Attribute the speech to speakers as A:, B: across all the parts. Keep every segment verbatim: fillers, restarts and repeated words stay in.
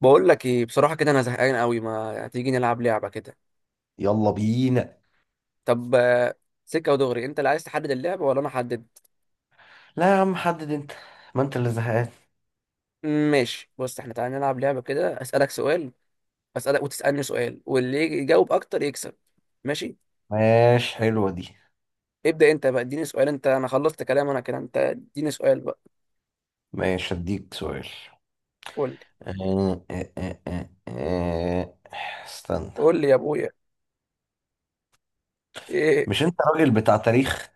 A: بقول لك ايه بصراحه كده، انا زهقان قوي. ما تيجي نلعب لعبه كده؟
B: يلا بينا.
A: طب آه، سكه ودغري. انت اللي عايز تحدد اللعبه ولا انا احدد؟
B: لا يا عم، حدد انت، ما انت اللي زهقان.
A: ماشي، بص، احنا تعالى نلعب لعبه كده، اسالك سؤال، اسالك وتسالني سؤال، واللي يجي يجاوب اكتر يكسب. ماشي.
B: ماشي، حلوة دي.
A: ابدا انت بقى اديني سؤال، انت انا خلصت كلام انا كده، انت اديني سؤال بقى.
B: ماشي اديك سؤال.
A: قول لي
B: آه، آه، آه، آه، آه. استنى.
A: قول لي يا ابويا. ايه؟
B: مش انت راجل بتاع تاريخ؟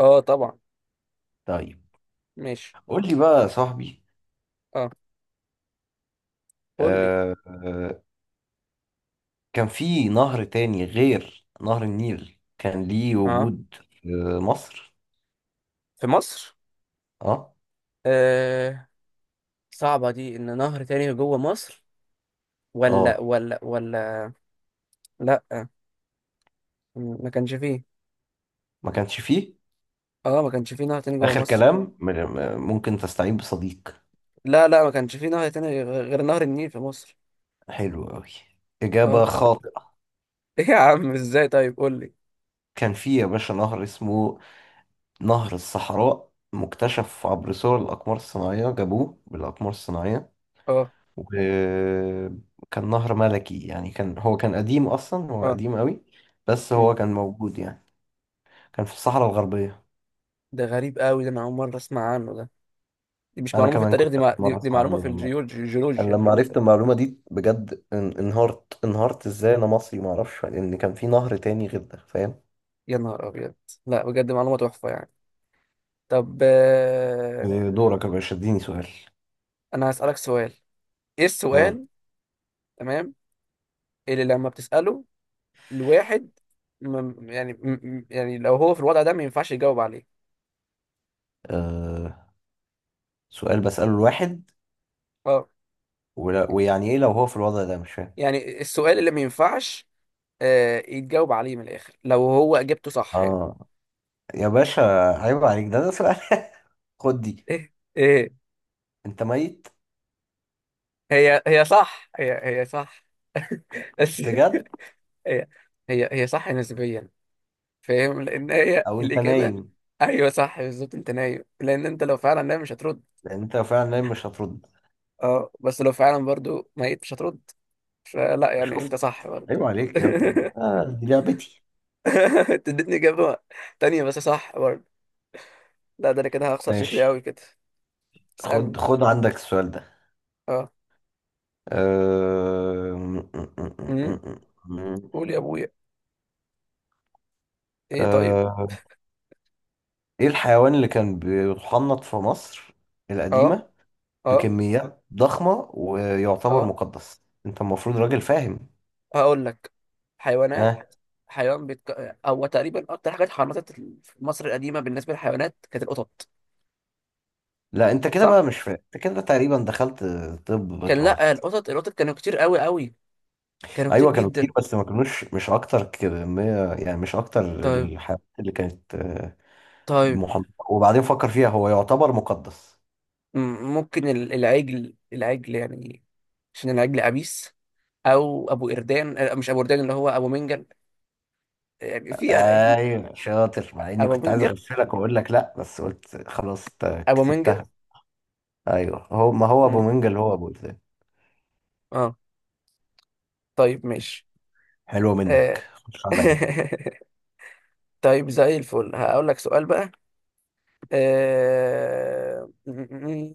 A: اه طبعا.
B: طيب
A: ماشي.
B: قول لي بقى يا صاحبي.
A: اه قول لي.
B: آه، آه، كان في نهر تاني غير نهر النيل كان ليه
A: اه،
B: وجود في مصر؟
A: في مصر.
B: اه.
A: آه. صعبه دي، ان نهر تاني جوه مصر. ولا
B: اه،
A: ولا ولا لا، ما كانش فيه.
B: ما كانش فيه.
A: اه، ما كانش فيه نهر تاني جوه
B: اخر
A: مصر.
B: كلام، م- م- ممكن تستعين بصديق.
A: لا لا، ما كانش فيه نهر تاني غ- غير نهر النيل في مصر.
B: حلو قوي، اجابة
A: اه.
B: خاطئة.
A: ايه يا عم؟ ازاي؟ طيب قول لي.
B: كان في يا باشا نهر اسمه نهر الصحراء، مكتشف عبر صور الأقمار الصناعية، جابوه بالأقمار الصناعية.
A: اه.
B: وكان نهر ملكي، يعني كان، هو كان قديم أصلا، هو
A: اه.
B: قديم قوي، بس
A: مم.
B: هو كان موجود يعني. كان في الصحراء الغربية.
A: ده غريب قوي، ده انا اول مره اسمع عنه ده. دي مش
B: أنا
A: معلومه في
B: كمان
A: التاريخ دي،
B: كنت
A: مع...
B: أول
A: دي,
B: مرة
A: دي
B: أسمع
A: معلومه في
B: عنه والله.
A: الجيولوجيا، الجيولوجيا
B: أنا
A: دي
B: لما
A: ولا
B: عرفت
A: ايه؟
B: المعلومة دي بجد ان- انهارت، انهارت. إزاي أنا مصري معرفش لأن كان في نهر تاني غير ده، فاهم؟
A: يا نهار ابيض! لا بجد معلومه تحفه يعني. طب آه...
B: دورك يا باشا، اديني سؤال.
A: انا هسالك سؤال. ايه
B: آه.
A: السؤال؟ تمام. اللي لما بتساله لواحد، م... يعني، م... م- يعني لو هو في الوضع ده ما ينفعش يجاوب عليه.
B: آه. سؤال بسأله الواحد،
A: اه،
B: ولا- ويعني ايه لو هو في الوضع ده؟ مش فاهم.
A: يعني السؤال اللي ما ينفعش آه، يتجاوب عليه من الاخر، لو هو اجابته صح يعني.
B: اه يا باشا، عيب عليك، ده ده سؤال؟ خد دي،
A: ايه ايه.
B: انت ميت،
A: هي هي صح هي هي صح. بس.
B: بجد،
A: هي. هي هي صح نسبيا. فاهم، لان هي
B: او انت
A: الاجابه.
B: نايم،
A: ايوه صح بالظبط، انت نايم، لان انت لو فعلا نايم مش هترد.
B: لان انت لو فعلا نايم مش هترد.
A: اه، بس لو فعلا برضو ميت مش هترد. فلا، يعني
B: شفت؟
A: انت صح برضو.
B: عيب عليك يا ابني، آه دي لعبتي.
A: أنت اديتني اجابه تانية بس صح برضو. لا، ده انا كده هخسر، شكلي قوي
B: ماشي،
A: كده.
B: خد
A: اسالني.
B: خد عندك السؤال ده.
A: اه
B: أم-
A: قول يا ابويا. ايه طيب.
B: أه، ايه الحيوان اللي كان بيتحنط في مصر
A: اه.
B: القديمة
A: اه.
B: بكميات ضخمة ويعتبر
A: اه،
B: مقدس؟ انت المفروض راجل فاهم.
A: هقول لك. حيوانات.
B: آه.
A: حيوان بيتك... هو تقريبا اكتر حاجه اتحنطت في مصر القديمه بالنسبه للحيوانات كانت القطط.
B: لا انت كده بقى
A: صح.
B: مش فاهم، انت كده تقريبا دخلت، طب
A: كان، لا،
B: بالغلط.
A: القطط، القطط كانوا كتير قوي قوي. كانوا كتير
B: ايوه كانوا كتير
A: جدا.
B: بس ما كانوش، مش اكتر كمية يعني، مش اكتر
A: طيب.
B: الحاجات اللي كانت، آه،
A: طيب.
B: محمرة. وبعدين فكر فيها، هو يعتبر مقدس.
A: م- ممكن ال- العجل، العجل يعني، عشان العجل عبيس. او ابو قردان. آه، مش ابو قردان، اللي هو ابو منجل يعني. في. في
B: ايوه شاطر، مع اني
A: ابو
B: كنت عايز
A: منجل.
B: اغفلك واقول لك لا، بس قلت خلاص انت
A: ابو منجل.
B: كسبتها. ايوه هو، ما هو ابو
A: مم.
B: منجل هو ابو إذن.
A: اه. طيب ماشي.
B: حلوه
A: آه.
B: منك، خش عليا.
A: طيب زي الفل، هقول لك سؤال بقى. آه... م- م- م.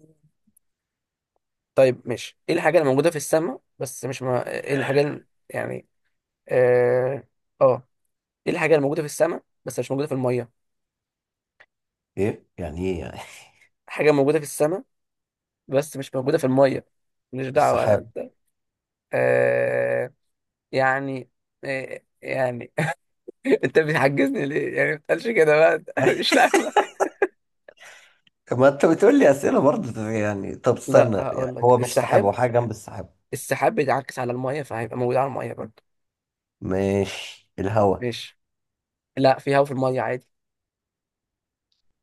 A: طيب ماشي، ايه الحاجة اللي موجودة في السماء بس مش ما... ايه الحاجة اللي... يعني، اه، آه. ايه الحاجة اللي موجودة في السماء بس مش موجودة في المية؟
B: ايه يعني؟ ايه يعني؟
A: حاجة موجودة في السماء بس مش موجودة في المية. مش دعوة انا
B: السحاب.
A: انت. آه... يعني، آه... يعني، انت بتحجزني ليه يعني؟ ما تقلش كده بقى. مش لعبة.
B: ما انت بتقول لي اسئله برضه يعني، طب
A: لا،
B: استنى
A: هقول
B: يعني،
A: لك،
B: هو مش سحاب،
A: السحاب،
B: هو حاجه جنب السحاب.
A: السحاب بيتعكس على المية فهيبقى موجود على المية برضه.
B: ماشي، الهوا.
A: ماشي. لا، في هوا في الميه عادي.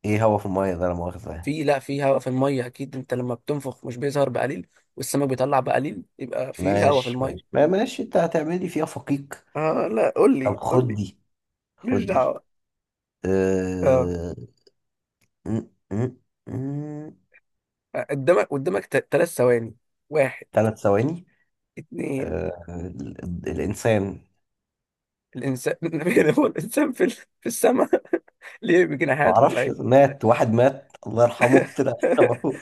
B: ايه هوا في المية ده؟ لا مؤاخذة يعني.
A: في. لا، في هوا في الميه اكيد. انت لما بتنفخ مش بيظهر بقليل؟ والسمك بيطلع بقليل، يبقى في هوا في
B: ماشي ماشي،
A: الميه.
B: ما- ماشي، انت هتعملي فيها فقيق.
A: اه، لا قول
B: طب
A: لي، قول
B: خد
A: لي.
B: دي،
A: ماليش
B: خد دي.
A: دعوه. اه.
B: أه... م- م- م-
A: قدامك، قدامك. ثلاث ثواني. واحد.
B: تلات ثواني.
A: اتنين.
B: أه... ال- ال- الإنسان.
A: الانسان. النبي. هو الانسان في ال- في السماء؟ ليه؟ بجناحات ولا
B: معرفش،
A: ايه؟
B: مات واحد، مات الله يرحمه طلع السما.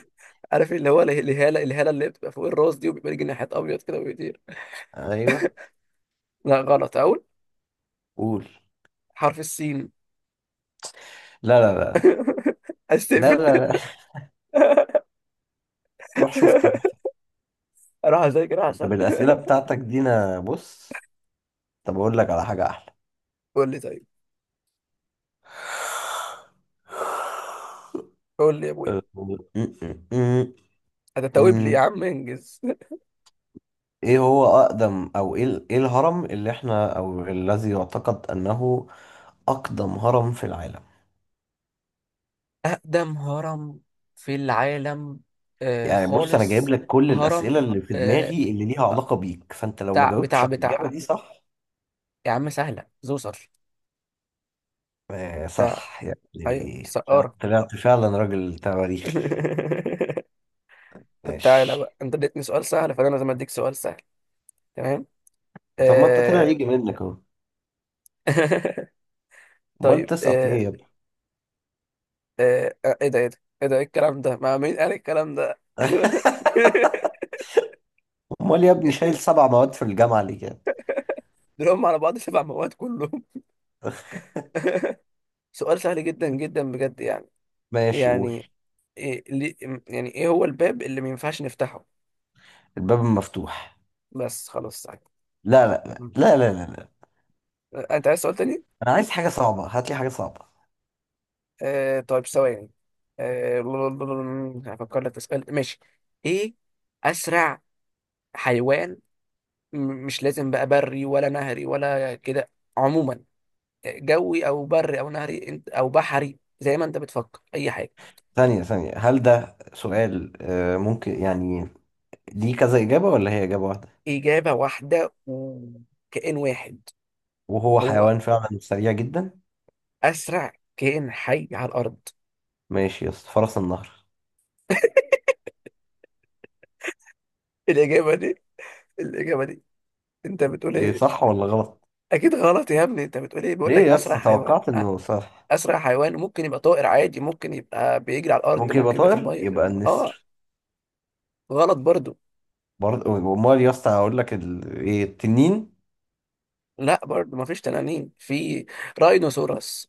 A: عارف اللي هو اله- الهاله، الهاله اللي بتبقى فوق الراس دي، وبيبقى ليه جناحات ابيض كده وبيطير.
B: ايوه،
A: لا غلط، اقول،
B: قول.
A: حرف السين.
B: لا لا لا لا
A: استقفل.
B: لا, لا. روح شوف طب.
A: اروح اذاكر
B: طب
A: احسن.
B: الأسئلة بتاعتك دي، أنا بص، طب أقول لك على حاجة
A: قول لي طيب.
B: أحلى.
A: قول لي يا ابويا.
B: م-م-م-م.
A: هتتوب لي يا عم؟ انجز.
B: ايه هو اقدم، او ايه ال- ايه الهرم اللي احنا، او الذي يعتقد انه اقدم هرم في العالم؟
A: أقدم هرم في العالم. آه
B: يعني بص، انا جايب
A: خالص.
B: لك كل الاسئله
A: هرم.
B: اللي في
A: آه.
B: دماغي اللي ليها علاقه بيك، فانت لو ما
A: بتاع
B: جاوبتش
A: بتاع
B: على الاجابه
A: بتاع
B: دي صح...
A: يا عم سهلة، زوسر.
B: آه
A: بتاع.
B: صح، يعني
A: ايوه،
B: الايه، طلعت
A: سقارة.
B: طلعت فعلا راجل تواريخي.
A: طب تعالى
B: ماشي،
A: بقى، انت اديتني سؤال سهل، فانا لازم اديك سؤال سهل. تمام.
B: طب ما انت طلع
A: آه...
B: يجي منك اهو، امال
A: طيب
B: تسقط ليه
A: آه...
B: يا ابني؟
A: آه... آه، ايه ده ايه ده ايه ده، ايه الكلام ده؟ مع مين قال الكلام ده؟
B: امال يا ابني شايل
A: جيت-
B: سبع مواد في الجامعه ليه كده؟
A: دول هم على بعض سبع مواد كلهم. سؤال سهل جدا جدا بجد يعني.
B: ماشي، قول.
A: يعني، إيه؟ ليه؟ يعني ايه هو الباب اللي ما ينفعش نفتحه؟
B: الباب مفتوح.
A: بس خلاص سهل.
B: لا لا
A: مم.
B: لا لا لا لا لا.
A: انت عايز سؤال تاني؟
B: انا عايز حاجه صعبه، هات لي حاجه صعبه.
A: آه طيب، ثواني. آه، هفكر لك في سؤال، ماشي. ايه؟ اسرع حيوان، م- مش لازم بقى بري ولا نهري ولا كده، عموما. جوي او بري او نهري، انت او بحري، زي ما انت بتفكر، اي حاجه.
B: ثانيه ثانيه، هل ده سؤال، آه، ممكن يعني؟ ليه كذا اجابه ولا هي اجابه واحده؟
A: اجابه واحده وكائن واحد.
B: وهو
A: هو
B: حيوان فعلا سريع جدا؟
A: اسرع كائن حي على الارض.
B: ماشي يا اسطى، فرس النهر.
A: الإجابة دي، الإجابة دي أنت بتقول
B: ايه،
A: إيه؟
B: صح ولا غلط؟
A: أكيد غلط يا ابني، أنت بتقول إيه؟ بيقول
B: ليه
A: لك
B: يا
A: أسرع
B: اسطى
A: حيوان،
B: توقعت
A: أ-
B: انه صح.
A: أسرع حيوان ممكن يبقى طائر عادي، ممكن يبقى بيجري على الأرض،
B: ممكن يبقى
A: ممكن يبقى في
B: طائر،
A: المية.
B: يبقى
A: أه.
B: النسر.
A: غلط برضو.
B: برضه؟ امال يا اسطى هقول لك ال... ايه، التنين.
A: لا، برضو مفيش تنانين في راينوسوراس.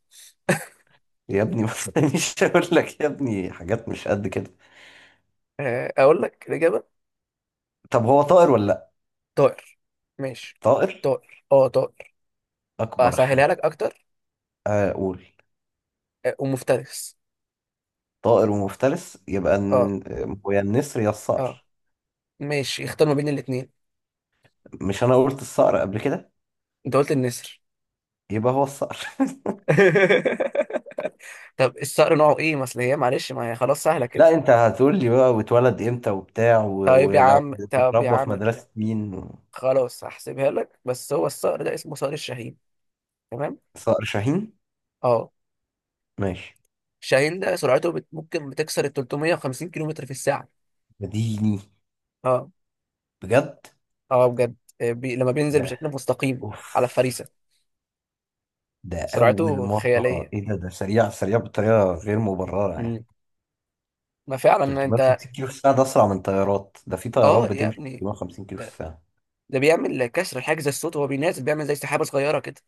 B: يا ابني بس، مش هقول لك يا ابني حاجات مش قد كده.
A: آه، أقول لك الإجابة.
B: طب هو طائر ولا لا؟
A: طائر. ماشي.
B: طائر.
A: طائر أه طائر.
B: اكبر
A: أسهلها لك
B: حاجه؟
A: أكتر.
B: اقول.
A: آه، ومفترس.
B: طائر ومفترس، يبقى
A: أه.
B: الن- هو يا النسر يا
A: أه.
B: الصقر.
A: ماشي اختار ما بين الاتنين.
B: مش انا قلت الصقر قبل كده؟
A: أنت قلت النسر.
B: يبقى هو الصقر
A: طب الصقر نوعه إيه؟ ما أصل هي، معلش، ما هي خلاص سهلة
B: لا،
A: كده.
B: انت هتقول لي بقى واتولد امتى وبتاع و-
A: طيب يا
B: ولو
A: عم، طب يا
B: اتربى في
A: عم،
B: مدرسة مين و...
A: خلاص هحسبها لك. بس هو الصقر ده اسمه صقر الشاهين. تمام.
B: صقر شاهين.
A: اه.
B: ماشي،
A: الشاهين ده سرعته بت... ممكن بتكسر ال ثلاث مية وخمسين كيلومتر في الساعة.
B: مديني.
A: اه.
B: بجد؟
A: اه بجد. آه، بي... لما بينزل
B: ده
A: بشكل مستقيم
B: اوف،
A: على الفريسة.
B: ده اول
A: سرعته
B: مرة،
A: خيالية.
B: ايه ده، ده سريع سريع بطريقة غير مبررة يعني.
A: مم. ما فعلا انت.
B: ثلاثمية وخمسين كيلو في الساعة، ده اسرع من طيارات، ده في طيارات
A: اه يا
B: بتمشي
A: ابني،
B: ثلاثمية وخمسين كيلو في
A: ده
B: الساعة؟
A: ده بيعمل كسر حاجز الصوت، وهو بينازل بيعمل زي سحابة صغيرة كده.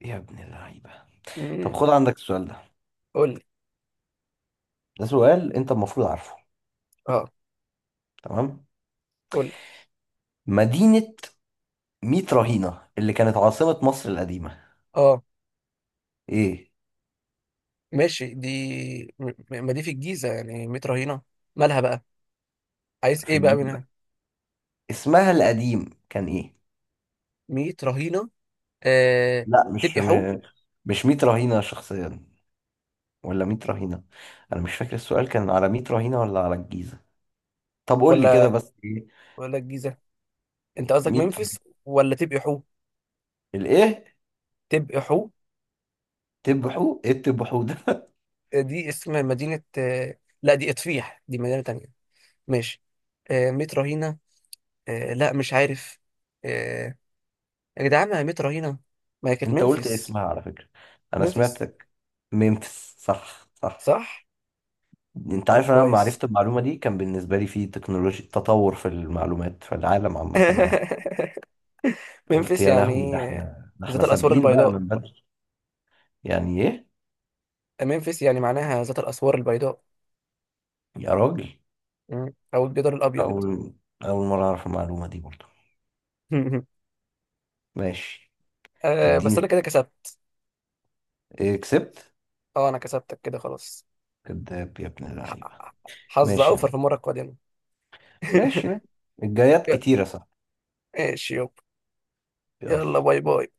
B: يا ابن اللعيبة. طب
A: امم
B: خد عندك السؤال ده،
A: قول لي.
B: ده سؤال انت المفروض عارفه،
A: اه،
B: تمام؟
A: قول لي.
B: مدينة ميت رهينة، اللي كانت عاصمة مصر القديمة،
A: اه
B: ايه؟
A: ماشي. دي م- ما دي في الجيزة، يعني متر هنا. مالها بقى؟ عايز
B: في
A: ايه بقى
B: الجيل
A: منها؟
B: ده اسمها القديم كان ايه؟
A: ميت رهينه. آه...
B: لا، مش
A: تبقي حو.
B: م... مش ميت رهينة شخصيا، ولا ميت رهينة، انا مش فاكر السؤال كان على ميت رهينة ولا على الجيزة. طب قول لي كده،
A: ولا،
B: بس ايه،
A: ولا الجيزه، انت قصدك
B: ميت
A: ممفيس؟
B: رهينة.
A: ولا تبقي حو؟
B: الايه،
A: تبقي حو.
B: تبحو؟ ايه التبحو ده؟
A: آه، دي اسم مدينه. آه... لا، دي اطفيح، دي مدينه تانية. ماشي. آه... ميت رهينه. آه... لا، مش عارف. آه... يا جدعان، ما هي ميت رهينه، ما هي كانت
B: انت قلت
A: ممفيس.
B: اسمها على فكرة، انا
A: ممفيس
B: سمعتك. ممفيس، صح صح.
A: صح.
B: انت
A: طب
B: عارف انا لما
A: كويس.
B: عرفت المعلومه دي كان بالنسبه لي في تكنولوجيا، تطور في المعلومات في العالم عامه يعني. قلت
A: ممفيس
B: يا لهوي، ده
A: يعني آه،
B: احنا، ده احنا
A: ذات الاسوار
B: سابقين بقى
A: البيضاء.
B: من بدري. يعني ايه
A: ممفيس يعني معناها ذات الاسوار البيضاء.
B: يا راجل؟
A: مم. او الجدار الابيض.
B: اول اول مره اعرف المعلومه دي برضه. ماشي،
A: أه بس
B: اديني.
A: انا كده كسبت.
B: ايه كسبت؟
A: اه، انا كسبتك كده، خلاص.
B: كداب يا ابن
A: ح-
B: اللعيبه.
A: حظ
B: ماشي
A: اوفر في
B: يعني،
A: المره القادمه.
B: ماشي ماشي، الجايات كتيره صح.
A: ماشي يابا. يلا،
B: يلا.
A: باي باي.